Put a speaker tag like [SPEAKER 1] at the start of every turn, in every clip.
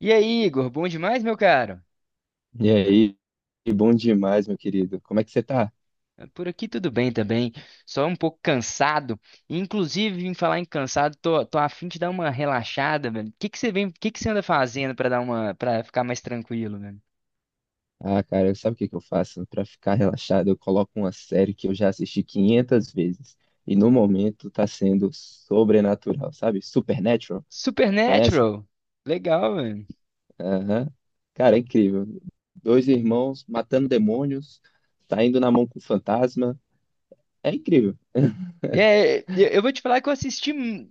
[SPEAKER 1] E aí, Igor, bom demais, meu caro?
[SPEAKER 2] E aí, bom demais, meu querido. Como é que você tá?
[SPEAKER 1] Por aqui tudo bem também, só um pouco cansado. Inclusive, em falar em cansado, tô a fim de dar uma relaxada, velho. O que que você vem, o que que você anda fazendo pra dar uma, para ficar mais tranquilo, velho?
[SPEAKER 2] Ah, cara, sabe o que que eu faço? Pra ficar relaxado, eu coloco uma série que eu já assisti 500 vezes e no momento tá sendo sobrenatural, sabe? Supernatural, conhece?
[SPEAKER 1] Supernatural. Legal, velho.
[SPEAKER 2] Aham. Cara, é incrível. Dois irmãos matando demônios, saindo na mão com fantasma. É incrível.
[SPEAKER 1] É, eu vou te falar que eu assisti,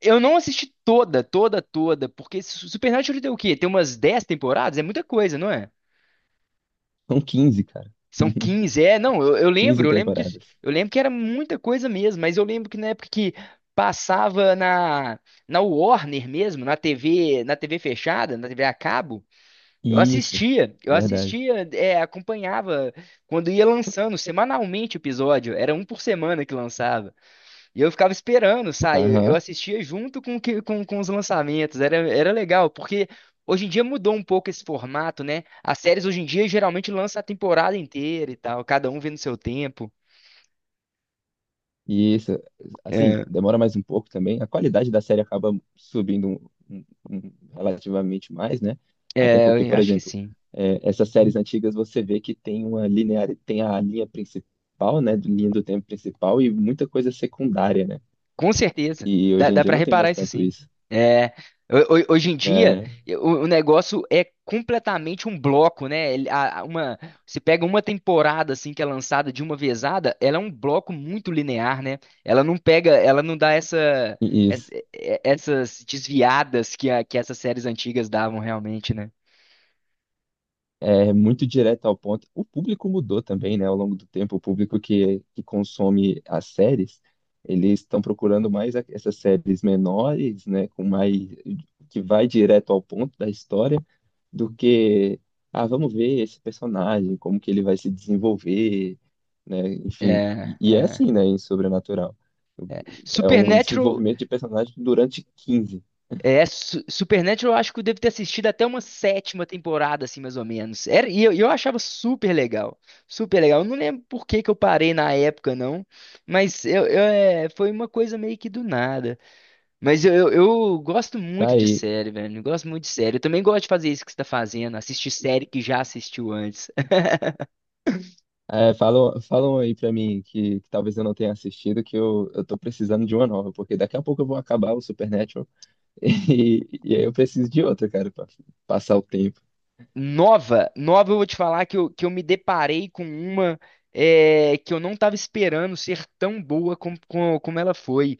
[SPEAKER 1] eu não assisti toda, toda, toda, porque Supernatural tem o quê? Tem umas 10 temporadas? É muita coisa, não é?
[SPEAKER 2] São 15, cara.
[SPEAKER 1] São 15 é, não,
[SPEAKER 2] 15 temporadas.
[SPEAKER 1] eu lembro que era muita coisa mesmo, mas eu lembro que na época que passava na na Warner mesmo, na TV, na TV fechada, na TV a cabo,
[SPEAKER 2] Isso,
[SPEAKER 1] eu
[SPEAKER 2] verdade.
[SPEAKER 1] assistia, é, acompanhava quando ia lançando semanalmente o episódio, era um por semana que lançava. E eu ficava esperando, sabe? Eu
[SPEAKER 2] Aham.
[SPEAKER 1] assistia junto com, com os lançamentos. Era, era legal, porque hoje em dia mudou um pouco esse formato, né? As séries hoje em dia geralmente lançam a temporada inteira e tal, cada um vendo seu tempo.
[SPEAKER 2] E isso, assim,
[SPEAKER 1] É,
[SPEAKER 2] demora mais um pouco também. A qualidade da série acaba subindo relativamente mais, né? Até porque,
[SPEAKER 1] é, eu
[SPEAKER 2] por
[SPEAKER 1] acho que
[SPEAKER 2] exemplo,
[SPEAKER 1] sim.
[SPEAKER 2] é, essas séries antigas você vê que tem uma linear, tem a linha principal, né? Linha do tempo principal e muita coisa secundária, né?
[SPEAKER 1] Com certeza.
[SPEAKER 2] E
[SPEAKER 1] Dá,
[SPEAKER 2] hoje em
[SPEAKER 1] dá
[SPEAKER 2] dia
[SPEAKER 1] para
[SPEAKER 2] não tem
[SPEAKER 1] reparar
[SPEAKER 2] mais
[SPEAKER 1] isso
[SPEAKER 2] tanto
[SPEAKER 1] sim.
[SPEAKER 2] isso,
[SPEAKER 1] É, hoje em
[SPEAKER 2] né?
[SPEAKER 1] dia,
[SPEAKER 2] né?
[SPEAKER 1] o negócio é completamente um bloco, né? Você pega uma temporada assim que é lançada de uma vezada, ela é um bloco muito linear, né? Ela não pega, ela não dá essa,
[SPEAKER 2] E Isso.
[SPEAKER 1] essas desviadas que, que essas séries antigas davam realmente, né?
[SPEAKER 2] É muito direto ao ponto. O público mudou também, né? Ao longo do tempo, o público que consome as séries, eles estão procurando mais essas séries menores, né? Com mais que vai direto ao ponto da história, do que ah, vamos ver esse personagem, como que ele vai se desenvolver, né?
[SPEAKER 1] É,
[SPEAKER 2] Enfim, e é
[SPEAKER 1] é.
[SPEAKER 2] assim, né? Em Sobrenatural. É um
[SPEAKER 1] Supernatural.
[SPEAKER 2] desenvolvimento de personagem durante 15.
[SPEAKER 1] É, Supernatural eu acho que eu devo ter assistido até uma sétima temporada, assim, mais ou menos. Era, e eu achava super legal. Super legal. Eu não lembro por que que eu parei na época, não. Mas é, foi uma coisa meio que do nada. Mas eu gosto
[SPEAKER 2] Tá
[SPEAKER 1] muito de série, velho. Eu gosto muito de série. Eu também gosto de fazer isso que você tá fazendo. Assistir série que já assistiu antes.
[SPEAKER 2] É, falam aí pra mim que talvez eu não tenha assistido, que eu tô precisando de uma nova, porque daqui a pouco eu vou acabar o Supernatural e aí eu preciso de outra, cara, pra passar o tempo.
[SPEAKER 1] Nova, nova, eu vou te falar que que eu me deparei com uma é, que eu não estava esperando ser tão boa como, como, como ela foi.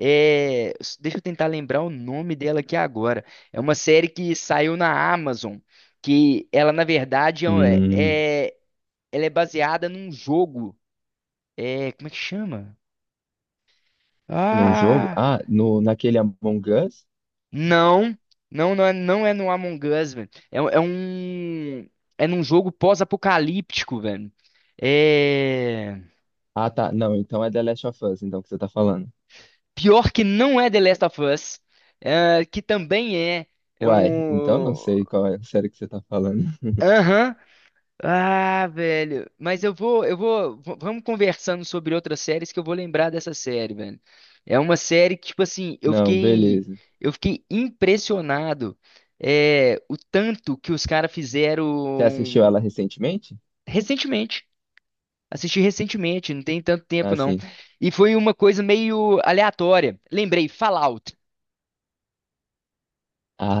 [SPEAKER 1] É, deixa eu tentar lembrar o nome dela aqui agora. É uma série que saiu na Amazon, que ela, na verdade,
[SPEAKER 2] Hum,
[SPEAKER 1] é, ela é baseada num jogo. É, como é que chama?
[SPEAKER 2] num jogo?
[SPEAKER 1] Ah!
[SPEAKER 2] Ah, no, naquele Among Us?
[SPEAKER 1] Não, não, não é, não é no Among Us, velho. É um. É num jogo pós-apocalíptico, velho. É.
[SPEAKER 2] Ah, tá. Não, então é The Last of Us, então, que você tá falando.
[SPEAKER 1] Pior que não é The Last of Us, é, que também é. É
[SPEAKER 2] Uai, então não
[SPEAKER 1] um.
[SPEAKER 2] sei qual é a série que você tá falando.
[SPEAKER 1] Aham. Ah, velho. Mas eu vou, eu vou. Vamos conversando sobre outras séries que eu vou lembrar dessa série, velho. É uma série que, tipo assim, eu
[SPEAKER 2] Não,
[SPEAKER 1] fiquei.
[SPEAKER 2] beleza.
[SPEAKER 1] Eu fiquei impressionado. É, o tanto que os caras
[SPEAKER 2] Você assistiu
[SPEAKER 1] fizeram.
[SPEAKER 2] ela recentemente?
[SPEAKER 1] Recentemente. Assisti recentemente, não tem tanto
[SPEAKER 2] Ah,
[SPEAKER 1] tempo não.
[SPEAKER 2] sim.
[SPEAKER 1] E foi uma coisa meio aleatória. Lembrei, Fallout.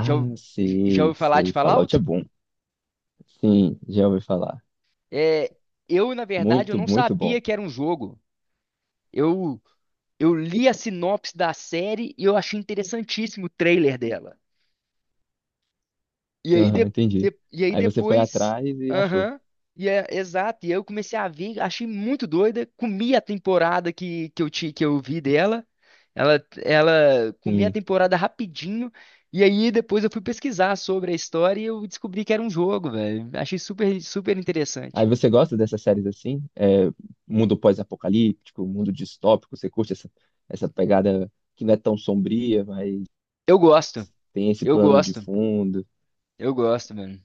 [SPEAKER 1] Já, já
[SPEAKER 2] sei,
[SPEAKER 1] ouviu falar de
[SPEAKER 2] sei. Fallout é
[SPEAKER 1] Fallout?
[SPEAKER 2] bom. Sim, já ouvi falar.
[SPEAKER 1] É, eu, na verdade, eu
[SPEAKER 2] Muito,
[SPEAKER 1] não
[SPEAKER 2] muito bom.
[SPEAKER 1] sabia que era um jogo. Eu, eu li a sinopse da série e eu achei interessantíssimo o trailer dela. E aí, de,
[SPEAKER 2] Aham, entendi.
[SPEAKER 1] e aí
[SPEAKER 2] Aí você foi
[SPEAKER 1] depois,
[SPEAKER 2] atrás e achou.
[SPEAKER 1] aham, e é, exato, e aí eu comecei a ver, achei muito doida, comi a temporada que, que eu vi dela, ela comi a
[SPEAKER 2] Sim.
[SPEAKER 1] temporada rapidinho, e aí depois eu fui pesquisar sobre a história e eu descobri que era um jogo, velho, achei super, super interessante.
[SPEAKER 2] Aí você gosta dessas séries assim? É, mundo pós-apocalíptico, mundo distópico, você curte essa pegada que não é tão sombria, mas
[SPEAKER 1] Eu gosto,
[SPEAKER 2] tem esse
[SPEAKER 1] eu
[SPEAKER 2] plano de
[SPEAKER 1] gosto,
[SPEAKER 2] fundo.
[SPEAKER 1] eu gosto, mano,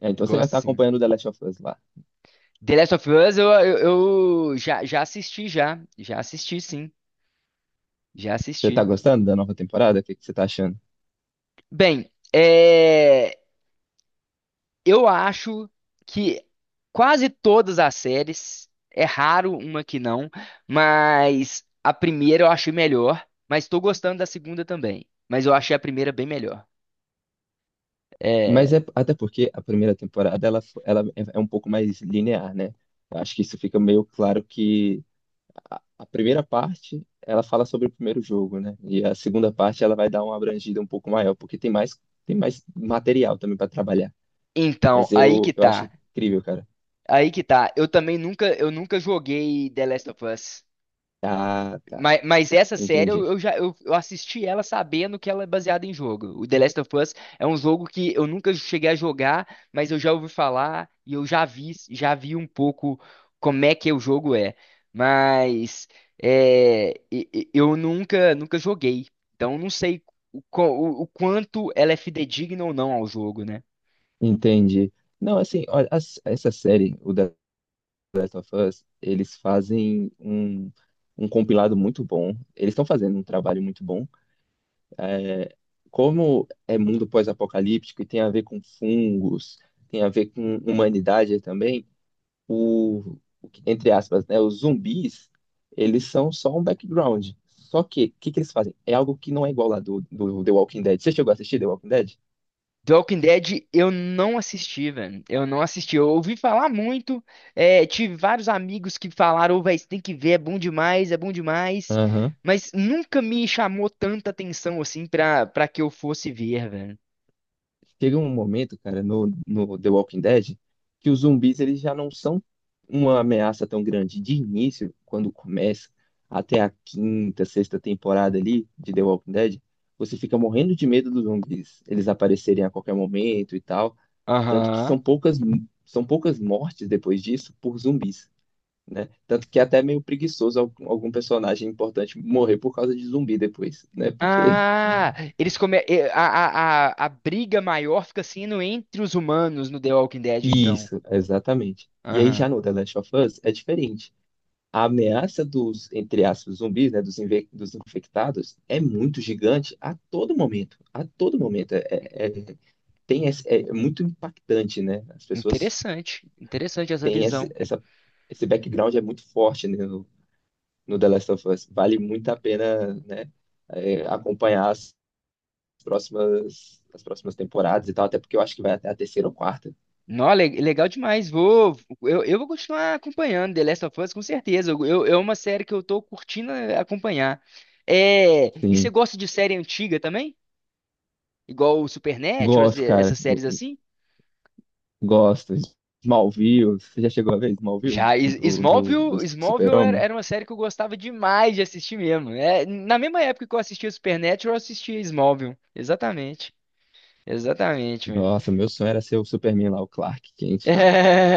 [SPEAKER 2] É, então você
[SPEAKER 1] gosto
[SPEAKER 2] tá
[SPEAKER 1] sim.
[SPEAKER 2] acompanhando The Last of Us lá.
[SPEAKER 1] The Last of Us eu já, já assisti sim, já
[SPEAKER 2] Você tá
[SPEAKER 1] assisti.
[SPEAKER 2] gostando da nova temporada? O que que você tá achando?
[SPEAKER 1] Bem, é... Eu acho que quase todas as séries, é raro uma que não, mas a primeira eu achei melhor, mas tô gostando da segunda também. Mas eu achei a primeira bem melhor. É,
[SPEAKER 2] Mas é até porque a primeira temporada ela é um pouco mais linear, né? Eu acho que isso fica meio claro que a primeira parte, ela fala sobre o primeiro jogo, né? E a segunda parte, ela vai dar uma abrangida um pouco maior, porque tem mais material também para trabalhar.
[SPEAKER 1] então,
[SPEAKER 2] Mas
[SPEAKER 1] aí que
[SPEAKER 2] eu acho
[SPEAKER 1] tá.
[SPEAKER 2] incrível, cara.
[SPEAKER 1] Aí que tá. Eu também nunca, eu nunca joguei The Last of Us.
[SPEAKER 2] Tá, tá.
[SPEAKER 1] Mas essa série
[SPEAKER 2] Entendi.
[SPEAKER 1] eu assisti ela sabendo que ela é baseada em jogo. O The Last of Us é um jogo que eu nunca cheguei a jogar, mas eu já ouvi falar e eu já vi um pouco como é que o jogo é. Mas é, eu nunca nunca joguei, então eu não sei o quanto ela é fidedigna ou não ao jogo, né?
[SPEAKER 2] Entendi. Não, assim, olha, essa série, o The Last of Us, eles fazem um compilado muito bom. Eles estão fazendo um trabalho muito bom. Como é mundo pós-apocalíptico e tem a ver com fungos, tem a ver com humanidade também. Entre aspas, né, os zumbis, eles são só um background. Só que, o que que eles fazem? É algo que não é igual lá do The Walking Dead. Você chegou a assistir The Walking Dead?
[SPEAKER 1] The Walking Dead eu não assisti, velho. Eu não assisti. Eu ouvi falar muito. É, tive vários amigos que falaram, "Ô, velho, você tem que ver, é bom demais, é bom demais."
[SPEAKER 2] Aham.
[SPEAKER 1] Mas nunca me chamou tanta atenção assim pra, pra que eu fosse ver, velho.
[SPEAKER 2] Chega um momento, cara, no The Walking Dead, que os zumbis eles já não são uma ameaça tão grande de início, quando começa, até a quinta, sexta temporada ali de The Walking Dead, você fica morrendo de medo dos zumbis, eles aparecerem a qualquer momento e tal. Tanto que são
[SPEAKER 1] Aham.
[SPEAKER 2] poucas, são poucas mortes depois disso por zumbis, né? Tanto que é até meio preguiçoso algum personagem importante morrer por causa de zumbi depois, né? Porque.
[SPEAKER 1] Ah, eles come... eh, a briga maior fica sendo entre os humanos no The Walking Dead, então.
[SPEAKER 2] Isso, exatamente. E aí já
[SPEAKER 1] Aham.
[SPEAKER 2] no The Last of Us é diferente. A ameaça dos, entre aspas, zumbis, né, dos infectados, é muito gigante a todo momento. A todo momento. É, é muito impactante, né? As pessoas
[SPEAKER 1] Interessante. Interessante essa
[SPEAKER 2] têm esse,
[SPEAKER 1] visão.
[SPEAKER 2] essa, esse background é muito forte, né, no The Last of Us. Vale muito a pena, né, acompanhar as próximas temporadas e tal, até porque eu acho que vai até a terceira ou quarta.
[SPEAKER 1] Não, legal demais. Vou, eu vou continuar acompanhando The Last of Us, com certeza. É uma série que eu tô curtindo acompanhar. É, e você
[SPEAKER 2] Sim,
[SPEAKER 1] gosta de série antiga também? Igual o Supernatural,
[SPEAKER 2] gosto, cara,
[SPEAKER 1] essas séries assim?
[SPEAKER 2] gosto. Smallville, você já chegou a ver Smallville
[SPEAKER 1] Já,
[SPEAKER 2] do
[SPEAKER 1] Smallville, Smallville era,
[SPEAKER 2] Super-Homem?
[SPEAKER 1] era uma série que eu gostava demais de assistir mesmo. É, na mesma época que eu assistia Supernatural, eu assistia Smallville. Exatamente. Exatamente, mano.
[SPEAKER 2] Nossa, meu sonho era ser o Superman lá, o Clark Kent,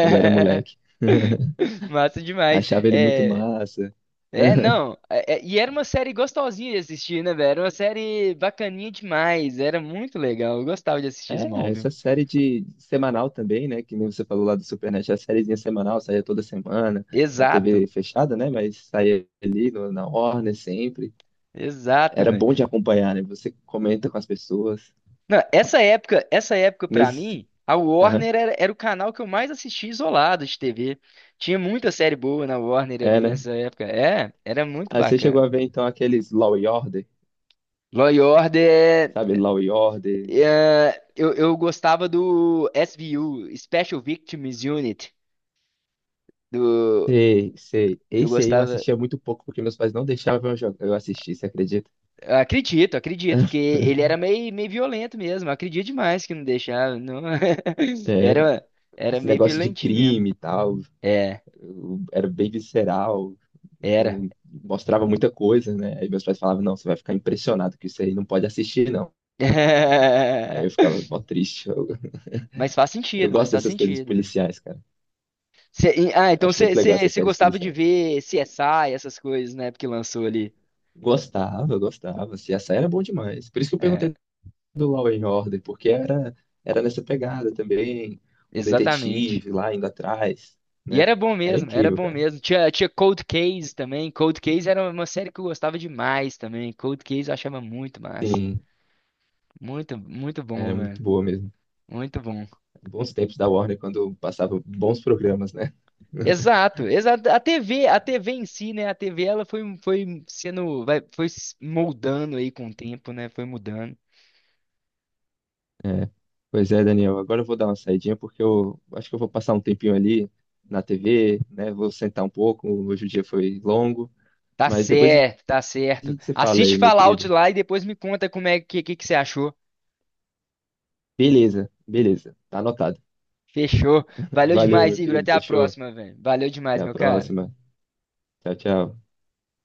[SPEAKER 2] quando eu era moleque.
[SPEAKER 1] Massa demais.
[SPEAKER 2] Achava ele muito
[SPEAKER 1] É,
[SPEAKER 2] massa.
[SPEAKER 1] é, não. E era uma série gostosinha de assistir, né, velho? Era uma série bacaninha demais. Era muito legal. Eu gostava de assistir
[SPEAKER 2] É,
[SPEAKER 1] Smallville.
[SPEAKER 2] essa série de semanal também, né? Que nem você falou lá do Supernet, é a sériezinha semanal, saía toda semana, na
[SPEAKER 1] Exato,
[SPEAKER 2] TV fechada, né? Mas saía ali na Warner sempre.
[SPEAKER 1] exato,
[SPEAKER 2] Era
[SPEAKER 1] velho.
[SPEAKER 2] bom de acompanhar, né? Você comenta com as pessoas.
[SPEAKER 1] Não, essa época pra
[SPEAKER 2] Nesse...
[SPEAKER 1] mim, a
[SPEAKER 2] Aham,
[SPEAKER 1] Warner era, era o canal que eu mais assistia isolado de TV. Tinha muita série boa na Warner ali
[SPEAKER 2] é, né?
[SPEAKER 1] nessa época. É, era muito
[SPEAKER 2] Aí você chegou
[SPEAKER 1] bacana.
[SPEAKER 2] a ver, então, aqueles Law e Order,
[SPEAKER 1] Law and Order,
[SPEAKER 2] sabe? Law e Order.
[SPEAKER 1] é, eu gostava do SVU, Special Victims Unit, do,
[SPEAKER 2] Sei, sei.
[SPEAKER 1] eu
[SPEAKER 2] Esse aí eu
[SPEAKER 1] gostava.
[SPEAKER 2] assistia muito pouco, porque meus pais não deixavam eu assistir, você acredita?
[SPEAKER 1] Eu acredito, porque ele era meio, meio violento mesmo. Eu acredito demais que não deixava. Não...
[SPEAKER 2] É,
[SPEAKER 1] Era, era
[SPEAKER 2] esse
[SPEAKER 1] meio
[SPEAKER 2] negócio de
[SPEAKER 1] violentinho mesmo.
[SPEAKER 2] crime e tal.
[SPEAKER 1] É,
[SPEAKER 2] Eu era bem visceral,
[SPEAKER 1] era.
[SPEAKER 2] não mostrava muita coisa, né? Aí meus pais falavam, não, você vai ficar impressionado que isso aí não pode assistir, não. Aí eu ficava mó triste. Eu, eu
[SPEAKER 1] Mas
[SPEAKER 2] gosto
[SPEAKER 1] faz
[SPEAKER 2] dessas coisas
[SPEAKER 1] sentido, mano.
[SPEAKER 2] policiais, cara.
[SPEAKER 1] Ah,
[SPEAKER 2] Eu
[SPEAKER 1] então
[SPEAKER 2] acho
[SPEAKER 1] você
[SPEAKER 2] muito legal essas séries
[SPEAKER 1] gostava de
[SPEAKER 2] policiais.
[SPEAKER 1] ver CSI, essas coisas, né? Porque lançou ali.
[SPEAKER 2] Gostava, gostava. Assim, essa era bom demais. Por isso que eu
[SPEAKER 1] É,
[SPEAKER 2] perguntei do Law and Order, porque era nessa pegada também. O
[SPEAKER 1] exatamente.
[SPEAKER 2] detetive lá indo atrás,
[SPEAKER 1] E
[SPEAKER 2] né?
[SPEAKER 1] era bom
[SPEAKER 2] Era
[SPEAKER 1] mesmo, era
[SPEAKER 2] incrível,
[SPEAKER 1] bom
[SPEAKER 2] cara.
[SPEAKER 1] mesmo. Tinha Cold Case também. Cold Case era uma série que eu gostava demais também. Cold Case eu achava muito massa.
[SPEAKER 2] Sim,
[SPEAKER 1] Muito, muito bom,
[SPEAKER 2] era muito
[SPEAKER 1] mano.
[SPEAKER 2] boa mesmo.
[SPEAKER 1] Muito bom.
[SPEAKER 2] Bons tempos da Warner, quando passava bons programas, né?
[SPEAKER 1] Exato, exato. A TV, a TV em si, né? A TV ela foi, foi sendo, vai, foi se moldando aí com o tempo, né? Foi mudando.
[SPEAKER 2] É. Pois é, Daniel. Agora eu vou dar uma saidinha porque eu acho que eu vou passar um tempinho ali na TV, né? Vou sentar um pouco. Hoje o dia foi longo,
[SPEAKER 1] Tá
[SPEAKER 2] mas depois
[SPEAKER 1] certo,
[SPEAKER 2] a
[SPEAKER 1] tá certo.
[SPEAKER 2] gente se fala
[SPEAKER 1] Assiste
[SPEAKER 2] aí, meu
[SPEAKER 1] Fallout
[SPEAKER 2] querido.
[SPEAKER 1] lá e depois me conta como é que você achou.
[SPEAKER 2] Beleza, beleza. Tá anotado.
[SPEAKER 1] Fechou. Valeu
[SPEAKER 2] Valeu,
[SPEAKER 1] demais,
[SPEAKER 2] meu
[SPEAKER 1] Igor.
[SPEAKER 2] querido.
[SPEAKER 1] Até a
[SPEAKER 2] Fechou.
[SPEAKER 1] próxima, velho. Valeu
[SPEAKER 2] Até
[SPEAKER 1] demais,
[SPEAKER 2] a
[SPEAKER 1] meu cara.
[SPEAKER 2] próxima. Tchau, tchau.